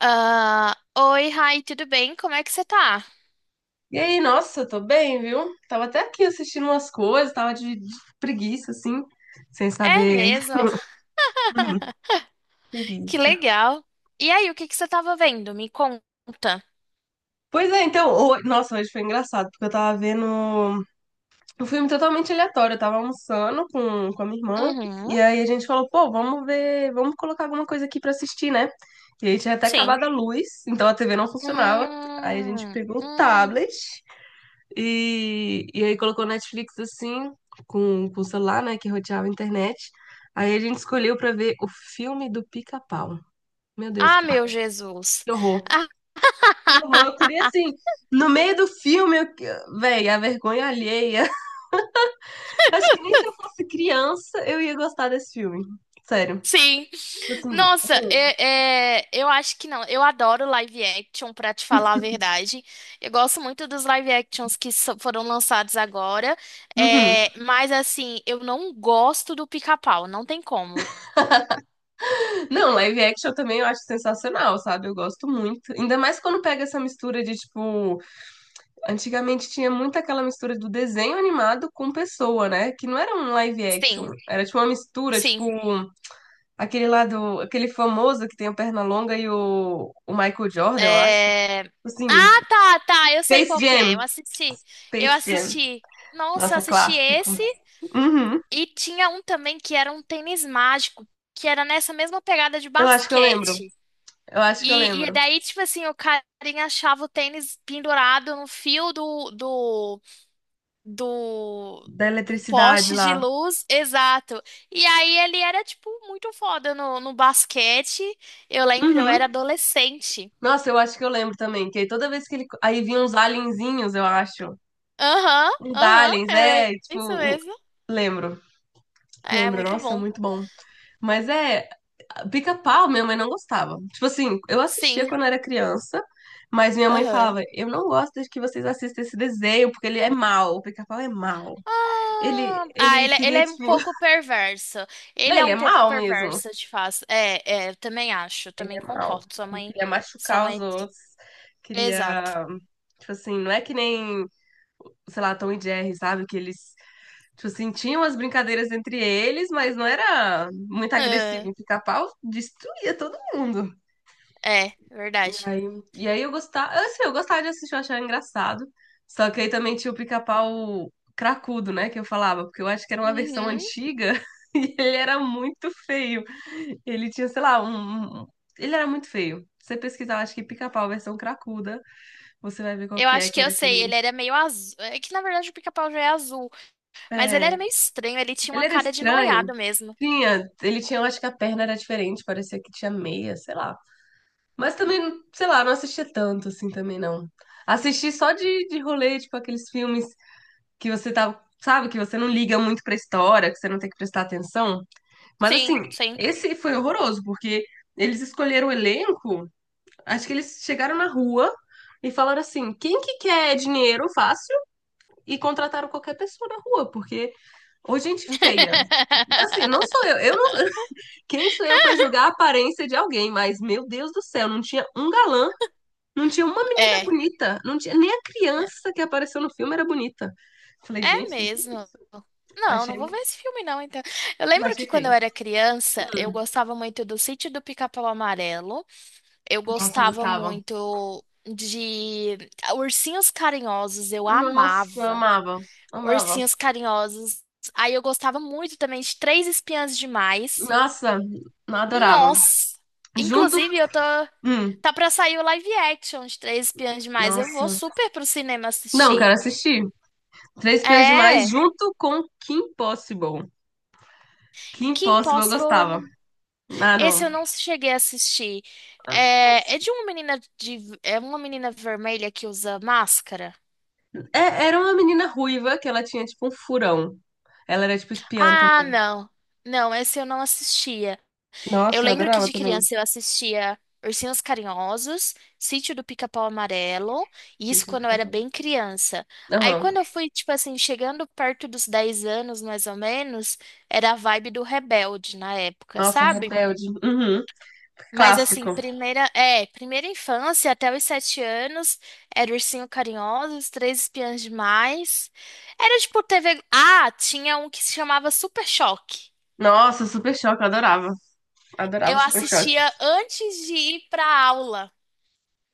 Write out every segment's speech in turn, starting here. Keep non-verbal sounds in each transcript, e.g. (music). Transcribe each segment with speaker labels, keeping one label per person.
Speaker 1: Ah, oi, Rai, tudo bem? Como é que você tá?
Speaker 2: E aí, nossa, eu tô bem, viu? Tava até aqui assistindo umas coisas, tava de preguiça, assim, sem
Speaker 1: É
Speaker 2: saber.
Speaker 1: mesmo?
Speaker 2: Uhum.
Speaker 1: Que
Speaker 2: Preguiça.
Speaker 1: legal. E aí, o que que você tava vendo? Me conta.
Speaker 2: Pois é, então, nossa, hoje foi engraçado, porque eu tava vendo um filme totalmente aleatório. Eu tava almoçando com a minha irmã,
Speaker 1: Uhum,
Speaker 2: e aí a gente falou, pô, vamos ver, vamos colocar alguma coisa aqui pra assistir, né? E aí tinha até
Speaker 1: sim.
Speaker 2: acabado a luz, então a TV não funcionava. Aí a gente
Speaker 1: Hum,
Speaker 2: pegou o
Speaker 1: hum.
Speaker 2: tablet. E aí colocou Netflix assim, com o celular, né, que roteava a internet. Aí a gente escolheu pra ver o filme do Pica-Pau. Meu Deus,
Speaker 1: Ah, meu Jesus.
Speaker 2: que horror. Que horror, eu queria
Speaker 1: (laughs)
Speaker 2: assim. No meio do filme, eu... véi, a vergonha alheia. (laughs) Eu acho que nem se eu fosse criança eu ia gostar desse filme. Sério.
Speaker 1: Sim.
Speaker 2: Assim,
Speaker 1: Nossa,
Speaker 2: horroroso.
Speaker 1: é, eu acho que não. Eu adoro live action, pra te falar a verdade. Eu gosto muito dos live actions que foram lançados agora.
Speaker 2: Uhum.
Speaker 1: É, mas, assim, eu não gosto do Pica-Pau. Não tem como.
Speaker 2: Não, live action também eu acho sensacional, sabe? Eu gosto muito. Ainda mais quando pega essa mistura de, tipo, antigamente tinha muito aquela mistura do desenho animado com pessoa, né? Que não era um live action,
Speaker 1: Sim,
Speaker 2: era tipo uma mistura,
Speaker 1: sim.
Speaker 2: aquele lá do, aquele famoso que tem a perna longa e o Michael Jordan, eu acho.
Speaker 1: É,
Speaker 2: Assim,
Speaker 1: ah, tá, tá. Eu sei
Speaker 2: Space
Speaker 1: qual que é. Eu
Speaker 2: Jam,
Speaker 1: assisti. Eu
Speaker 2: Space Jam.
Speaker 1: assisti. Nossa, eu
Speaker 2: Nossa,
Speaker 1: assisti
Speaker 2: clássico.
Speaker 1: esse.
Speaker 2: Uhum.
Speaker 1: E tinha um também que era um tênis mágico, que era nessa mesma pegada de
Speaker 2: Eu acho que eu lembro.
Speaker 1: basquete.
Speaker 2: Eu acho que eu
Speaker 1: E
Speaker 2: lembro
Speaker 1: daí, tipo assim, o carinha achava o tênis pendurado no fio do,
Speaker 2: da
Speaker 1: do
Speaker 2: eletricidade
Speaker 1: poste de
Speaker 2: lá.
Speaker 1: luz, exato. E aí ele era, tipo, muito foda no, no basquete. Eu lembro, eu
Speaker 2: Uhum.
Speaker 1: era adolescente.
Speaker 2: Nossa, eu acho que eu lembro também, que aí toda vez que ele aí vinha uns alienzinhos, eu acho.
Speaker 1: Aham,
Speaker 2: Uns
Speaker 1: aham,
Speaker 2: aliens,
Speaker 1: era
Speaker 2: é, tipo,
Speaker 1: isso mesmo.
Speaker 2: lembro.
Speaker 1: É,
Speaker 2: Lembro,
Speaker 1: muito
Speaker 2: nossa,
Speaker 1: bom.
Speaker 2: muito bom. Mas é, pica-pau, minha mãe não gostava. Tipo assim, eu assistia
Speaker 1: Sim,
Speaker 2: quando era criança, mas minha mãe
Speaker 1: aham.
Speaker 2: falava: Eu não gosto de que vocês assistam esse desenho, porque ele é mau, o pica-pau é mau. Ele, ele
Speaker 1: Ele
Speaker 2: queria,
Speaker 1: é um
Speaker 2: tipo.
Speaker 1: pouco
Speaker 2: (laughs)
Speaker 1: perverso.
Speaker 2: Não,
Speaker 1: Ele é
Speaker 2: ele é
Speaker 1: um pouco
Speaker 2: mau mesmo.
Speaker 1: perverso, de fato. É, é, eu também acho, eu
Speaker 2: Ele
Speaker 1: também
Speaker 2: é mau.
Speaker 1: concordo. Sua
Speaker 2: Ele
Speaker 1: mãe,
Speaker 2: queria
Speaker 1: sua
Speaker 2: machucar os
Speaker 1: mãe.
Speaker 2: outros,
Speaker 1: Exato.
Speaker 2: queria. Tipo assim, não é que nem, sei lá, Tom e Jerry, sabe? Que eles. Tipo assim, tinham as brincadeiras entre eles, mas não era muito
Speaker 1: Ah,
Speaker 2: agressivo. O pica-pau destruía todo mundo.
Speaker 1: é,
Speaker 2: E
Speaker 1: verdade.
Speaker 2: aí, e aí eu gostava, assim, eu gostava de assistir, eu achava engraçado. Só que aí também tinha o pica-pau cracudo, né, que eu falava, porque eu acho que era uma versão
Speaker 1: Uhum.
Speaker 2: antiga (laughs) e ele era muito feio. Ele tinha, sei lá, ele era muito feio. Você pesquisar, acho que pica-pau versão cracuda, você vai ver qual
Speaker 1: Eu
Speaker 2: que é,
Speaker 1: acho
Speaker 2: que
Speaker 1: que eu
Speaker 2: era
Speaker 1: sei,
Speaker 2: aquele.
Speaker 1: ele era meio azul. É que na verdade o pica-pau já é azul, mas ele era
Speaker 2: É,
Speaker 1: meio estranho, ele tinha
Speaker 2: ele
Speaker 1: uma
Speaker 2: era
Speaker 1: cara de
Speaker 2: estranho.
Speaker 1: noiado mesmo.
Speaker 2: Tinha, ele tinha, eu acho que a perna era diferente, parecia que tinha meia, sei lá. Mas também, sei lá, não assistia tanto assim também não. Assisti só de rolê, tipo aqueles filmes que você tá, sabe, que você não liga muito pra história, que você não tem que prestar atenção. Mas assim,
Speaker 1: Sim, sim.
Speaker 2: esse foi horroroso, porque eles escolheram o elenco, acho que eles chegaram na rua e falaram assim: "Quem que quer dinheiro fácil?" e contrataram qualquer pessoa na rua, porque ou gente feia. Assim, não sou
Speaker 1: (laughs)
Speaker 2: eu não, (laughs) quem sou eu pra julgar a aparência de alguém, mas meu Deus do céu, não tinha um galã, não tinha uma menina
Speaker 1: É.
Speaker 2: bonita, não tinha nem a criança que apareceu no filme era bonita. Falei,
Speaker 1: É
Speaker 2: gente, o que que é
Speaker 1: mesmo.
Speaker 2: isso?
Speaker 1: Não, não
Speaker 2: Achei,
Speaker 1: vou ver esse filme não, então. Eu lembro
Speaker 2: achei
Speaker 1: que quando eu
Speaker 2: feio.
Speaker 1: era criança, eu
Speaker 2: Hum,
Speaker 1: gostava muito do Sítio do Pica-Pau Amarelo. Eu
Speaker 2: nossa, eu
Speaker 1: gostava
Speaker 2: gostava.
Speaker 1: muito de Ursinhos Carinhosos, eu
Speaker 2: Nossa, eu
Speaker 1: amava
Speaker 2: amava. Amava.
Speaker 1: Ursinhos Carinhosos. Aí eu gostava muito também de Três Espiãs Demais.
Speaker 2: Nossa, não adorava.
Speaker 1: Nossa!
Speaker 2: Junto.
Speaker 1: Inclusive, eu tô
Speaker 2: Hum,
Speaker 1: tá pra sair o live action de Três Espiãs Demais. Eu vou
Speaker 2: nossa.
Speaker 1: super pro cinema
Speaker 2: Não,
Speaker 1: assistir.
Speaker 2: cara, assisti. Três Pesos Demais
Speaker 1: É,
Speaker 2: junto com Kim Possible. Kim
Speaker 1: que
Speaker 2: Possible eu gostava.
Speaker 1: Impossible
Speaker 2: Ah, não.
Speaker 1: esse eu não cheguei a assistir. É, é de uma menina de, é uma menina vermelha que usa máscara?
Speaker 2: É- era uma menina ruiva que ela tinha tipo um furão. Ela era tipo espiã
Speaker 1: Ah,
Speaker 2: também.
Speaker 1: não. Não, esse eu não assistia. Eu
Speaker 2: Nossa, eu
Speaker 1: lembro que
Speaker 2: adorava
Speaker 1: de
Speaker 2: também.
Speaker 1: criança eu assistia Ursinhos Carinhosos, Sítio do Pica-Pau Amarelo, e isso
Speaker 2: Deixa eu
Speaker 1: quando eu
Speaker 2: ficar
Speaker 1: era
Speaker 2: falando.
Speaker 1: bem criança. Aí
Speaker 2: Aham.
Speaker 1: quando eu fui, tipo assim, chegando perto dos 10 anos, mais ou menos, era a vibe do Rebelde na época,
Speaker 2: Nossa,
Speaker 1: sabe?
Speaker 2: Rebelde. Uhum.
Speaker 1: Mas assim,
Speaker 2: Clássico.
Speaker 1: primeira infância até os 7 anos, era Ursinho Carinhoso, Os Três Espiãs Demais. Era tipo TV. Ah, tinha um que se chamava Super Choque.
Speaker 2: Nossa, Super Choque, eu adorava. Adorava
Speaker 1: Eu
Speaker 2: Super Choque.
Speaker 1: assistia antes de ir pra aula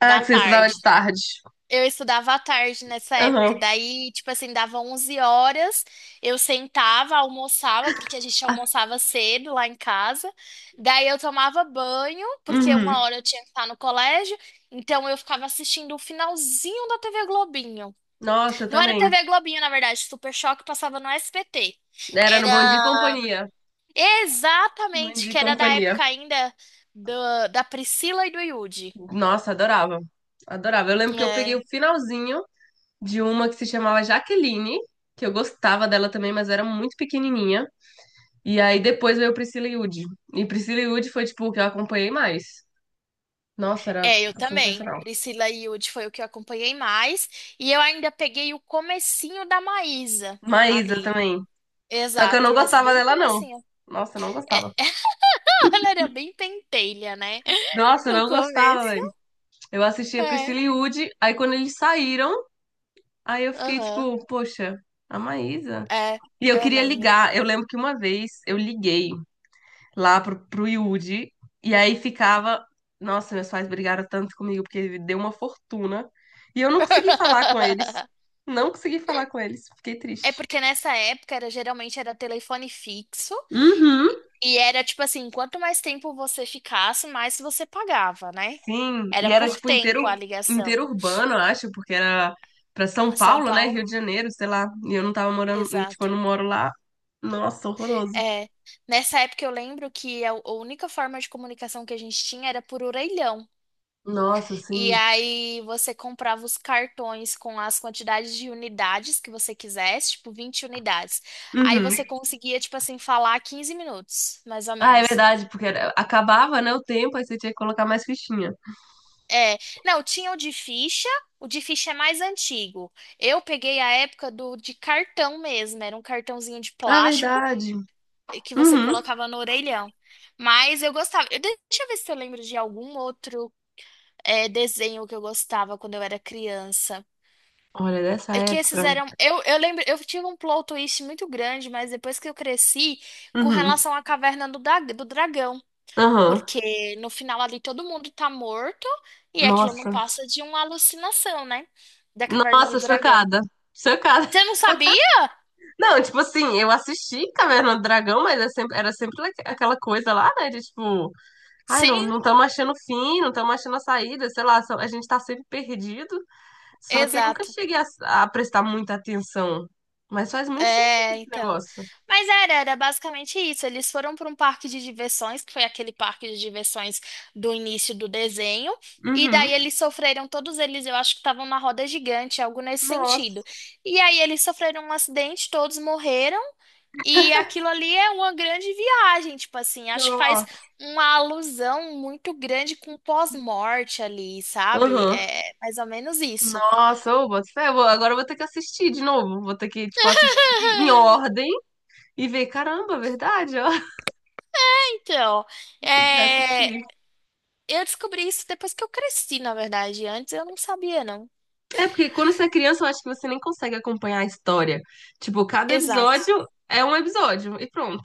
Speaker 2: Ah,
Speaker 1: da
Speaker 2: que você estudava
Speaker 1: tarde.
Speaker 2: de tarde.
Speaker 1: Eu estudava à tarde nessa época,
Speaker 2: Aham.
Speaker 1: daí, tipo assim, dava 11 horas, eu sentava, almoçava, porque a gente
Speaker 2: Ah,
Speaker 1: almoçava cedo lá em casa, daí eu tomava banho, porque
Speaker 2: uhum.
Speaker 1: 1 hora eu tinha que estar no colégio, então eu ficava assistindo o finalzinho da TV Globinho.
Speaker 2: Nossa, eu
Speaker 1: Não era
Speaker 2: também.
Speaker 1: TV Globinho, na verdade, Super Choque passava no SBT.
Speaker 2: Era no Bom Dia e
Speaker 1: Era
Speaker 2: Companhia. Bom
Speaker 1: exatamente,
Speaker 2: Dia e
Speaker 1: que era da
Speaker 2: Companhia.
Speaker 1: época ainda da Priscila e do Yudi.
Speaker 2: Nossa, adorava. Adorava. Eu lembro que eu peguei
Speaker 1: É.
Speaker 2: o finalzinho de uma que se chamava Jaqueline, que eu gostava dela também, mas eu era muito pequenininha. E aí depois veio Priscila e Woody. E Priscila e Woody foi, tipo, o que eu acompanhei mais. Nossa, era
Speaker 1: É, eu também.
Speaker 2: sensacional.
Speaker 1: Priscila e Yudi foi o que eu acompanhei mais. E eu ainda peguei o comecinho da Maísa
Speaker 2: Maísa
Speaker 1: ali.
Speaker 2: também. Só que eu
Speaker 1: Exato,
Speaker 2: não
Speaker 1: mas
Speaker 2: gostava
Speaker 1: bem
Speaker 2: dela, não.
Speaker 1: comecinho.
Speaker 2: Nossa, eu não
Speaker 1: É,
Speaker 2: gostava.
Speaker 1: (laughs) ela era bem pentelha, né?
Speaker 2: Nossa, eu
Speaker 1: No
Speaker 2: não gostava,
Speaker 1: começo.
Speaker 2: velho. Eu assistia
Speaker 1: É,
Speaker 2: Priscila e Woody, aí quando eles saíram, aí eu fiquei
Speaker 1: aham.
Speaker 2: tipo, poxa, a Maísa.
Speaker 1: É,
Speaker 2: E eu
Speaker 1: eu
Speaker 2: queria
Speaker 1: lembro.
Speaker 2: ligar. Eu lembro que uma vez eu liguei lá pro Yudi, e aí ficava. Nossa, meus pais brigaram tanto comigo porque ele deu uma fortuna. E eu não consegui falar com eles.
Speaker 1: (laughs)
Speaker 2: Não consegui falar com eles. Fiquei
Speaker 1: É
Speaker 2: triste.
Speaker 1: porque nessa época era geralmente era telefone fixo
Speaker 2: Uhum.
Speaker 1: e e era tipo assim, quanto mais tempo você ficasse, mais você pagava, né?
Speaker 2: Sim, e
Speaker 1: Era
Speaker 2: era
Speaker 1: por
Speaker 2: tipo
Speaker 1: tempo a ligação.
Speaker 2: inteiro urbano, eu acho, porque era pra São
Speaker 1: São
Speaker 2: Paulo, né? Rio
Speaker 1: Paulo?
Speaker 2: de Janeiro, sei lá. E eu não tava morando, tipo,
Speaker 1: Exato.
Speaker 2: eu não moro lá. Nossa, horroroso.
Speaker 1: É, nessa época eu lembro que a única forma de comunicação que a gente tinha era por orelhão.
Speaker 2: Nossa,
Speaker 1: E
Speaker 2: sim.
Speaker 1: aí você comprava os cartões com as quantidades de unidades que você quisesse, tipo 20 unidades. Aí
Speaker 2: Uhum.
Speaker 1: você conseguia, tipo assim, falar 15 minutos, mais ou
Speaker 2: Ah, é
Speaker 1: menos.
Speaker 2: verdade, porque acabava, né, o tempo, aí você tinha que colocar mais fichinha.
Speaker 1: É, não, tinha o de ficha é mais antigo. Eu peguei a época do de cartão mesmo, era um cartãozinho de
Speaker 2: Ah, é
Speaker 1: plástico,
Speaker 2: verdade.
Speaker 1: que você
Speaker 2: Uhum.
Speaker 1: colocava no orelhão. Mas eu gostava. Deixa eu ver se eu lembro de algum outro desenho que eu gostava quando eu era criança.
Speaker 2: Olha, dessa
Speaker 1: É que
Speaker 2: época.
Speaker 1: esses eram. Eu lembro, eu tive um plot twist muito grande, mas depois que eu cresci, com
Speaker 2: Uhum.
Speaker 1: relação à caverna do dragão.
Speaker 2: Aham.
Speaker 1: Porque no final ali todo mundo tá morto e aquilo não
Speaker 2: Nossa.
Speaker 1: passa de uma alucinação, né? Da caverna do
Speaker 2: Nossa,
Speaker 1: dragão.
Speaker 2: chocada. Chocada.
Speaker 1: Você não sabia?
Speaker 2: (laughs) Não, tipo assim, eu assisti Caverna do Dragão, mas era sempre, aquela coisa lá, né? De tipo. Ai, não,
Speaker 1: Sim,
Speaker 2: não estamos achando fim, não estamos achando a saída, sei lá, a gente está sempre perdido. Só que eu nunca
Speaker 1: exato.
Speaker 2: cheguei a prestar muita atenção. Mas faz muito sentido
Speaker 1: É,
Speaker 2: esse
Speaker 1: então.
Speaker 2: negócio.
Speaker 1: Mas era, era basicamente isso. Eles foram para um parque de diversões, que foi aquele parque de diversões do início do desenho. E
Speaker 2: Uhum.
Speaker 1: daí eles sofreram, todos eles, eu acho que estavam na roda gigante, algo nesse sentido.
Speaker 2: Nossa,
Speaker 1: E aí eles sofreram um acidente, todos morreram. E aquilo ali é uma grande viagem, tipo assim. Acho que faz
Speaker 2: nossa.
Speaker 1: uma alusão muito grande com o pós-morte ali, sabe?
Speaker 2: Uhum.
Speaker 1: É mais ou menos isso.
Speaker 2: Nossa, ô, boto fé, agora eu vou ter que assistir de novo. Vou ter que, tipo, assistir em
Speaker 1: (laughs)
Speaker 2: ordem e ver, caramba, verdade, ó. (laughs)
Speaker 1: Então,
Speaker 2: Tem que
Speaker 1: é,
Speaker 2: assistir.
Speaker 1: eu descobri isso depois que eu cresci, na verdade. Antes eu não sabia, não.
Speaker 2: É, porque quando você é criança, eu acho que você nem consegue acompanhar a história. Tipo, cada
Speaker 1: Exato.
Speaker 2: episódio é um episódio e pronto.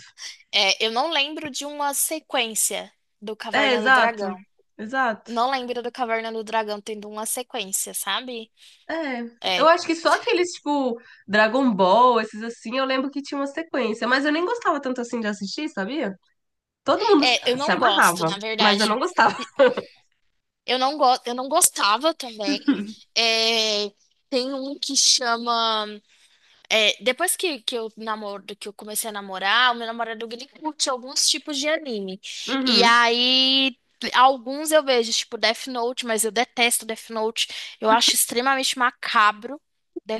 Speaker 1: É, eu não lembro de uma sequência do
Speaker 2: É,
Speaker 1: Caverna do
Speaker 2: exato.
Speaker 1: Dragão.
Speaker 2: Exato.
Speaker 1: Não lembro do Caverna do Dragão tendo uma sequência, sabe?
Speaker 2: É, eu
Speaker 1: É.
Speaker 2: acho que só aqueles, tipo, Dragon Ball, esses assim, eu lembro que tinha uma sequência, mas eu nem gostava tanto assim de assistir, sabia? Todo mundo se
Speaker 1: É, eu
Speaker 2: se
Speaker 1: não gosto,
Speaker 2: amarrava,
Speaker 1: na
Speaker 2: mas eu não
Speaker 1: verdade.
Speaker 2: gostava. (laughs)
Speaker 1: Eu não gostava também. É, tem um que chama é, depois que eu namoro, que eu comecei a namorar, o meu namorado ele curte alguns tipos de anime. E
Speaker 2: Uhum,
Speaker 1: aí, alguns eu vejo, tipo Death Note, mas eu detesto Death Note. Eu acho extremamente macabro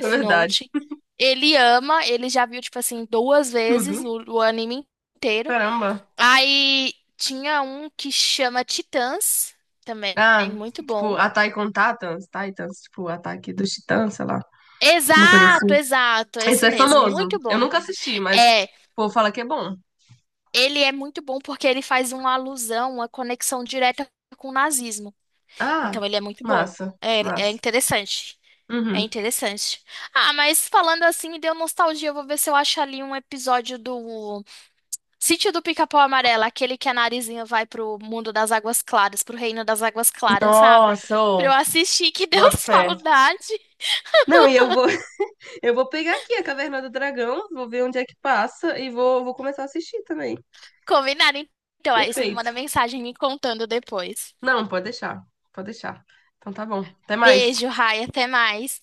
Speaker 2: é verdade.
Speaker 1: Note. Ele ama, ele já viu, tipo assim, duas vezes
Speaker 2: Tudo.
Speaker 1: o anime inteiro.
Speaker 2: Caramba.
Speaker 1: Aí tinha um que chama Titãs, também,
Speaker 2: Ah,
Speaker 1: muito bom.
Speaker 2: tipo, Attack on Titans, Titans, tipo, Ataque dos Titãs, sei lá, uma coisa assim.
Speaker 1: Exato, exato, esse
Speaker 2: Esse é
Speaker 1: mesmo,
Speaker 2: famoso.
Speaker 1: muito
Speaker 2: Eu
Speaker 1: bom.
Speaker 2: nunca assisti, mas
Speaker 1: É,
Speaker 2: o povo fala que é bom.
Speaker 1: ele é muito bom porque ele faz uma alusão, uma conexão direta com o nazismo. Então
Speaker 2: Ah,
Speaker 1: ele é muito bom.
Speaker 2: massa,
Speaker 1: É, é
Speaker 2: massa.
Speaker 1: interessante. É
Speaker 2: Uhum.
Speaker 1: interessante. Ah, mas falando assim, me deu nostalgia. Eu vou ver se eu acho ali um episódio do Sítio do Pica-Pau Amarelo, aquele que a Narizinha vai pro mundo das águas claras, pro reino das águas claras, sabe?
Speaker 2: Nossa,
Speaker 1: Pra
Speaker 2: ô,
Speaker 1: eu assistir, que deu (laughs)
Speaker 2: boto fé.
Speaker 1: saudade.
Speaker 2: Não, e eu vou Eu vou pegar aqui a Caverna do Dragão, vou ver onde é que passa e vou, vou começar a assistir também.
Speaker 1: Combinado, então. Aí você me manda
Speaker 2: Perfeito.
Speaker 1: mensagem me contando depois.
Speaker 2: Não, pode deixar. Pode deixar. Então tá bom. Até mais.
Speaker 1: Beijo, Rai, até mais.